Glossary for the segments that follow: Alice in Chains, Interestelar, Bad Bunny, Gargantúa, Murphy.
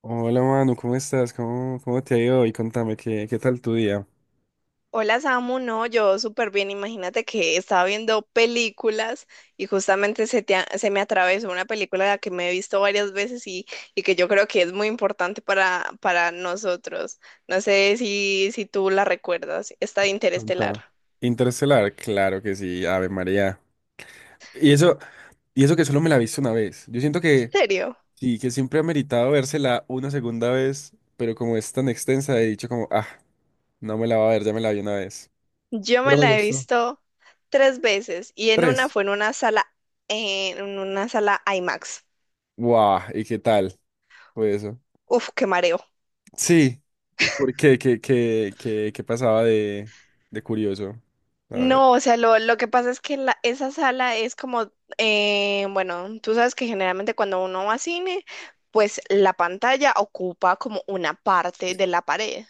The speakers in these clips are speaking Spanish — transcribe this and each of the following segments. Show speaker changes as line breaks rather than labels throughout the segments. Hola Manu, ¿cómo estás? ¿Cómo te ha ido hoy? Contame, ¿qué tal tu día?
Hola Samu, no, yo súper bien. Imagínate que estaba viendo películas y justamente se me atravesó una película que me he visto varias veces y que yo creo que es muy importante para nosotros. No sé si tú la recuerdas, esta de Interestelar.
Contame. Interestelar, claro que sí, Ave María. Y eso, y eso que solo me la he visto una vez. Yo siento que
¿En serio?
sí, que siempre ha meritado vérsela una segunda vez, pero como es tan extensa, he dicho como, ah, no me la va a ver, ya me la vi una vez.
Yo me
Pero me
la he
gustó.
visto tres veces y en una
Tres.
fue en una sala IMAX.
Guau, ¿y qué tal? Fue eso.
Uf, qué mareo.
Sí. ¿Por qué? ¿Qué pasaba de curioso? A ver.
No, o sea, lo que pasa es que esa sala es como, bueno, tú sabes que generalmente cuando uno va a cine, pues la pantalla ocupa como una parte de la pared.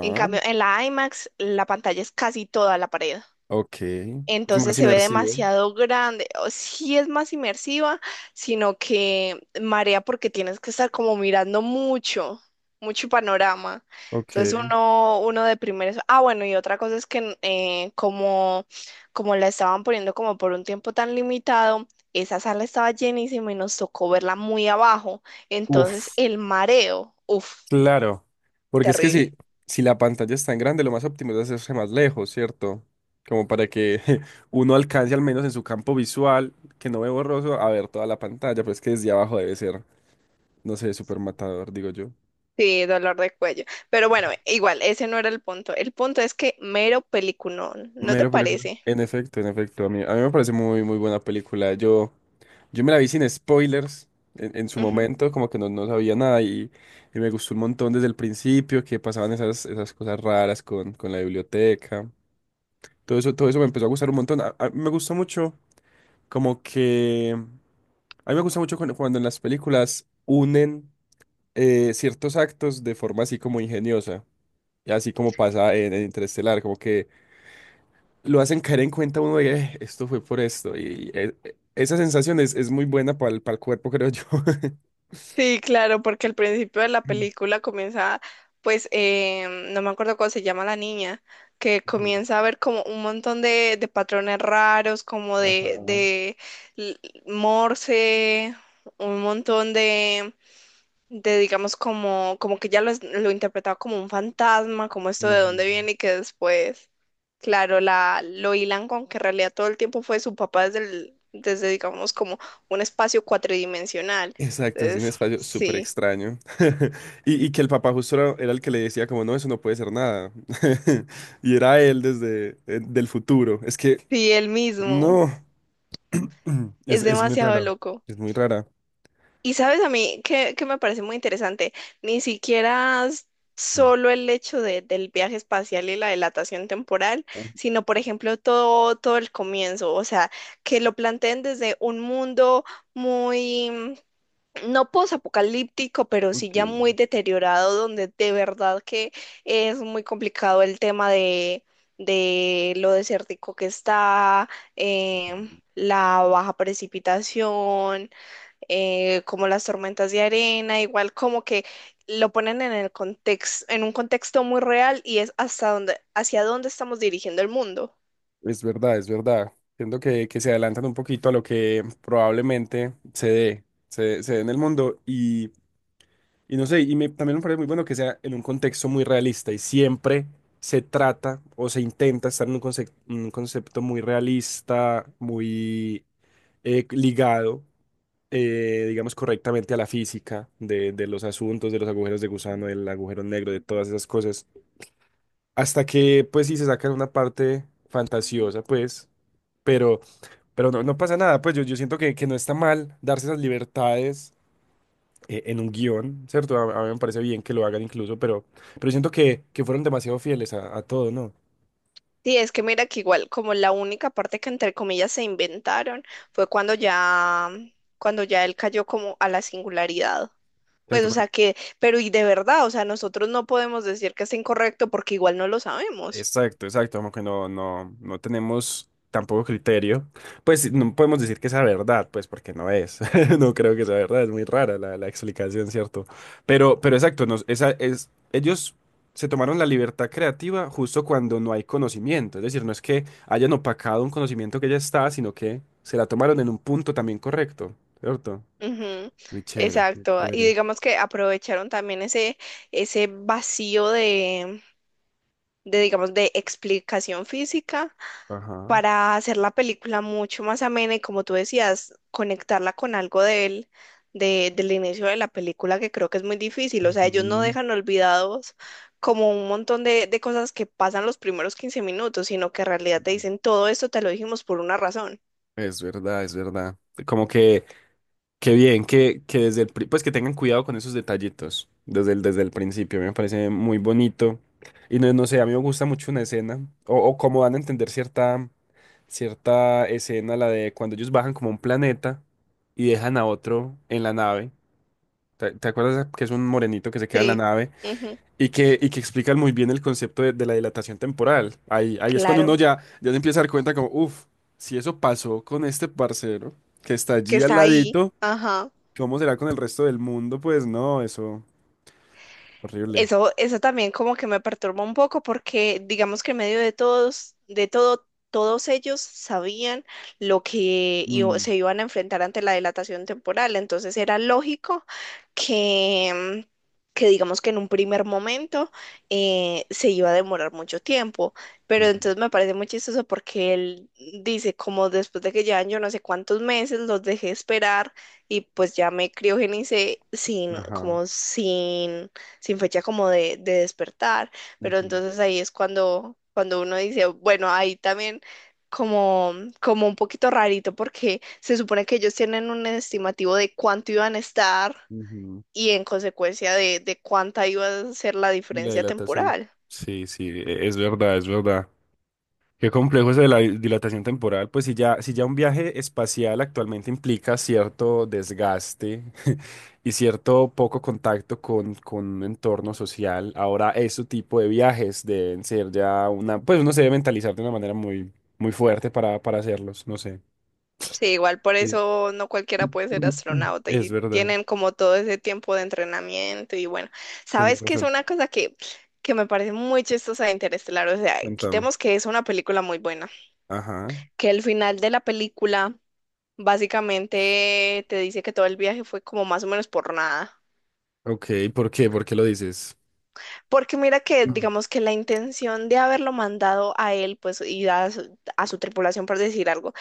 En cambio, en la IMAX, la pantalla es casi toda la pared.
Ok. Es
Entonces
más
se ve
inmersivo.
demasiado grande. O sí es más inmersiva, sino que marea porque tienes que estar como mirando mucho, mucho panorama.
Ok.
Entonces uno de primeros. Ah, bueno, y otra cosa es que como, como la estaban poniendo como por un tiempo tan limitado, esa sala estaba llenísima y nos tocó verla muy abajo. Entonces
Uf,
el mareo, uff,
claro. Porque es que si,
terrible.
si la pantalla es tan grande, lo más óptimo es hacerse más lejos, ¿cierto? Como para que uno alcance al menos en su campo visual, que no ve borroso, a ver toda la pantalla, pero es que desde abajo debe ser, no sé, súper matador, digo yo.
Sí, dolor de cuello. Pero bueno, igual, ese no era el punto. El punto es que mero peliculón, ¿no te
Mera película.
parece?
En efecto, en efecto. A mí me parece muy, muy buena película. Yo me la vi sin spoilers en su
Ujú.
momento, como que no, no sabía nada y, y me gustó un montón desde el principio, que pasaban esas, esas cosas raras con la biblioteca. Todo eso me empezó a gustar un montón. Me gusta mucho, como que... A mí me gusta mucho cuando, cuando en las películas unen ciertos actos de forma así como ingeniosa. Y así como pasa en Interestelar, como que lo hacen caer en cuenta uno de esto fue por esto". Y esa sensación es muy buena para el cuerpo, creo yo.
Sí, claro, porque al principio de la película comienza, pues, no me acuerdo cómo se llama la niña, que
Ujú.
comienza a ver como un montón de patrones raros, como
Ajá.
l- Morse, un montón de digamos como, como que ya lo interpretaba como un fantasma, como esto de dónde
Ujú.
viene y que después, claro, lo hilan con que en realidad todo el tiempo fue su papá desde digamos como un espacio cuatridimensional.
Exacto, es un
Entonces,
espacio súper
sí,
extraño. Y, y que el papá justo era, era el que le decía como, no, eso no puede ser nada. Y era él desde del futuro. Es que,
sí, él mismo.
no,
Es
es muy
demasiado
rara.
loco.
Es muy rara.
Y sabes a mí que me parece muy interesante, ni siquiera s-
Mm.
solo el hecho del viaje espacial y la dilatación temporal, sino por ejemplo todo el comienzo, o sea, que lo planteen desde un mundo muy, no posapocalíptico, pero sí ya
Ok.
muy deteriorado, donde de verdad que es muy complicado el tema de lo desértico que está, la baja precipitación como las tormentas de arena, igual como que lo ponen en el contexto, en un contexto muy real y es hasta dónde, hacia dónde estamos dirigiendo el mundo.
Es verdad, es verdad. Siento que se adelantan un poquito a lo que probablemente se dé, se dé en el mundo y no sé, y también me parece muy bueno que sea en un contexto muy realista y siempre se trata o se intenta estar en un, un concepto muy realista, muy ligado, digamos, correctamente a la física de los asuntos, de los agujeros de gusano, del agujero negro, de todas esas cosas, hasta que pues sí se sacan una parte fantasiosa, pues, pero... Pero no, no pasa nada, pues yo siento que no está mal darse esas libertades en un guión, ¿cierto? A mí me parece bien que lo hagan incluso, pero siento que fueron demasiado fieles a todo, ¿no?
Sí, es que mira que igual como la única parte que entre comillas se inventaron fue cuando ya él cayó como a la singularidad. Pues,
Exacto.
o sea que, pero y de verdad, o sea, nosotros no podemos decir que es incorrecto porque igual no lo sabemos.
Exacto, exacto, como que no, no, no tenemos tampoco criterio. Pues no podemos decir que sea verdad, pues porque no es. No creo que sea verdad, es muy rara la, la explicación, ¿cierto? Pero exacto, nos, esa es, ellos se tomaron la libertad creativa justo cuando no hay conocimiento. Es decir, no es que hayan opacado un conocimiento que ya está, sino que se la tomaron en un punto también correcto, ¿cierto?
Ujú.
Muy chévere, muy
Exacto. Y
chévere.
digamos que aprovecharon también ese vacío digamos, de explicación física
Ajá.
para hacer la película mucho más amena y como tú decías, conectarla con algo de él, del inicio de la película, que creo que es muy difícil. O sea, ellos no
Ujú.
dejan olvidados como un montón de cosas que pasan los primeros 15 minutos, sino que en realidad te dicen, todo esto te lo dijimos por una razón.
Es verdad, es verdad. Como que qué bien que desde el, pues que tengan cuidado con esos detallitos desde el principio, me parece muy bonito. Y no, no sé, a mí me gusta mucho una escena, o cómo dan a entender cierta, cierta escena, la de cuando ellos bajan como a un planeta y dejan a otro en la nave. ¿Te acuerdas que es un morenito que se queda en la
Sí.
nave
Ujú.
y que explican muy bien el concepto de la dilatación temporal? Ahí es cuando uno
Claro,
ya, ya se empieza a dar cuenta como, uff, si eso pasó con este parcero que está
que
allí al
está ahí.
ladito.
Ajá.
¿Cómo será con el resto del mundo? Pues no, eso, horrible.
Eso también como que me perturba un poco porque digamos que en medio de todos, de todo, todos ellos sabían lo que
Mm,
se iban a enfrentar ante la dilatación temporal. Entonces era lógico que, que digamos que en un primer momento se iba a demorar mucho tiempo. Pero
ujú,
entonces me parece muy chistoso porque él dice como después de que llevan yo no sé cuántos meses los dejé esperar y pues ya me criogenicé sin,
ajá.
como sin sin fecha como de despertar, pero
Ujú,
entonces ahí es cuando, cuando uno dice, bueno, ahí también como, como un poquito rarito porque se supone que ellos tienen un estimativo de cuánto iban a estar
ujú.
y en consecuencia de cuánta iba a ser la
Y la
diferencia
dilatación.
temporal.
Sí, sí, es verdad, es verdad. Qué complejo es de la dilatación temporal, pues si ya, si ya un viaje espacial actualmente implica cierto desgaste y cierto poco contacto con un entorno social, ahora ese tipo de viajes deben ser ya una, pues uno se debe mentalizar de una manera muy, muy fuerte para hacerlos, no sé.
Sí, igual por eso no cualquiera puede ser astronauta
Es
y
verdad,
tienen como todo ese tiempo de entrenamiento y bueno,
tenés
sabes que es
razón.
una cosa que me parece muy chistosa de Interestelar, o sea,
Cuéntame.
quitemos que es una película muy buena.
Ajá.
Que el final de la película básicamente te dice que todo el viaje fue como más o menos por nada.
Ok, ¿por qué? ¿Por qué lo dices?
Porque mira que,
Mm,
digamos que la intención de haberlo mandado a él, pues, y a a su tripulación, por decir algo,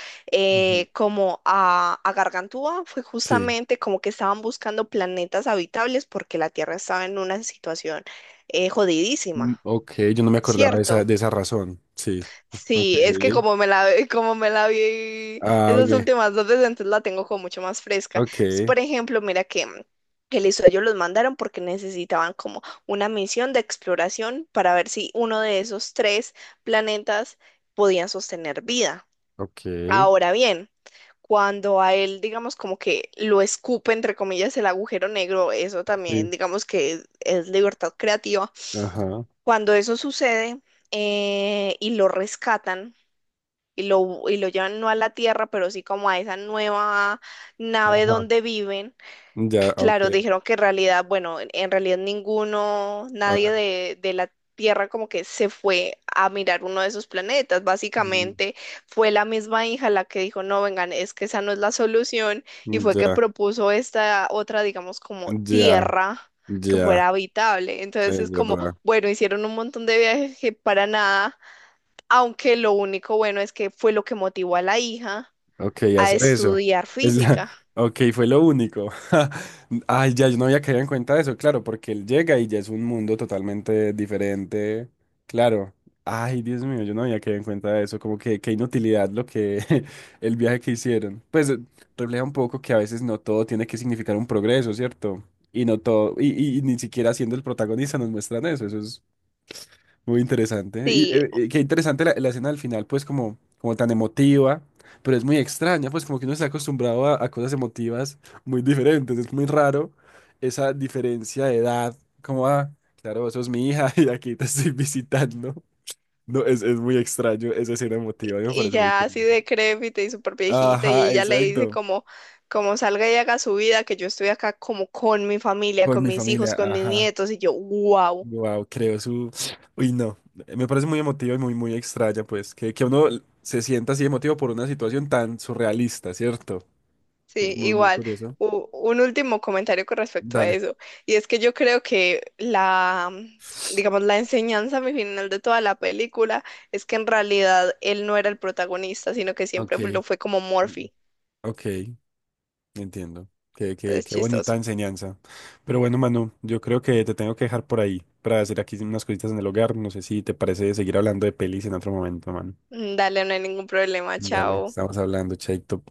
ujú.
como a Gargantúa, fue
Sí.
justamente como que estaban buscando planetas habitables porque la Tierra estaba en una situación
Mm,
jodidísima,
ok, yo no me acordaba
¿cierto?
de esa razón. Sí. Ok.
Sí, es que como me la, como me la vi
Ah,
esas
ok.
últimas dos veces, entonces la tengo como mucho más fresca. Entonces,
Ok.
por ejemplo, mira que, mm, que listo, ellos los mandaron porque necesitaban como una misión de exploración para ver si uno de esos tres planetas podía sostener vida.
Ok.
Ahora bien, cuando a él, digamos, como que lo escupe, entre comillas, el agujero negro, eso también,
Sí.
digamos que es libertad creativa.
Ajá.
Cuando eso sucede y lo rescatan, y lo llevan no a la Tierra, pero sí como a esa nueva nave
Ajá.
donde viven.
Ya, ok.
Claro, dijeron que en realidad, bueno, en realidad ninguno,
Ah,
nadie de la Tierra como que se fue a mirar uno de esos planetas.
mm,
Básicamente fue la misma hija la que dijo, no, vengan, es que esa no es la solución y fue que
ya,
propuso esta otra, digamos, como
ya,
Tierra que
ya.
fuera habitable. Entonces
Es
es como,
verdad.
bueno, hicieron un montón de viajes que para nada, aunque lo único bueno es que fue lo que motivó a la hija
Ok,
a
hacer eso.
estudiar
Es la...
física.
Ok, fue lo único. Ay, ya, yo no había caído en cuenta de eso, claro, porque él llega y ya es un mundo totalmente diferente. Claro. Ay, Dios mío, yo no había caído en cuenta de eso. Como que qué inutilidad lo que el viaje que hicieron. Pues refleja un poco que a veces no todo tiene que significar un progreso, ¿cierto? Y no todo, y, y ni siquiera siendo el protagonista nos muestran eso. Eso es muy interesante. Y
Sí,
qué interesante la, la escena al final, pues como, como tan emotiva, pero es muy extraña, pues como que uno está acostumbrado a cosas emotivas muy diferentes. Es muy raro esa diferencia de edad, como, ah, claro, eso es mi hija y aquí te estoy visitando. No, es muy extraño esa escena emotiva, a mí me
y
parece muy
ya así
curioso.
decrépita y súper viejita, y
Ajá,
ella le dice
exacto.
como, como salga y haga su vida, que yo estoy acá como con mi familia,
Con
con
mi
mis
familia,
hijos, con mis
ajá.
nietos, y yo, wow,
Wow, creo su. Uy, no. Me parece muy emotivo y muy, muy extraña, pues, que uno se sienta así emotivo por una situación tan surrealista, ¿cierto?
sí,
Muy, muy
igual.
curioso.
U- un último comentario con respecto a
Dale.
eso, y es que yo creo que digamos, la enseñanza mi final de toda la película es que en realidad él no era el protagonista, sino que siempre lo
Ok.
fue como Murphy,
Ok, entiendo. Qué, qué,
entonces
qué bonita
chistoso.
enseñanza. Pero bueno, Manu, yo creo que te tengo que dejar por ahí para hacer aquí unas cositas en el hogar. No sé si te parece seguir hablando de pelis en otro momento, Manu.
Mm, dale, no hay ningún problema,
Dale,
chao.
estamos hablando, Chaito.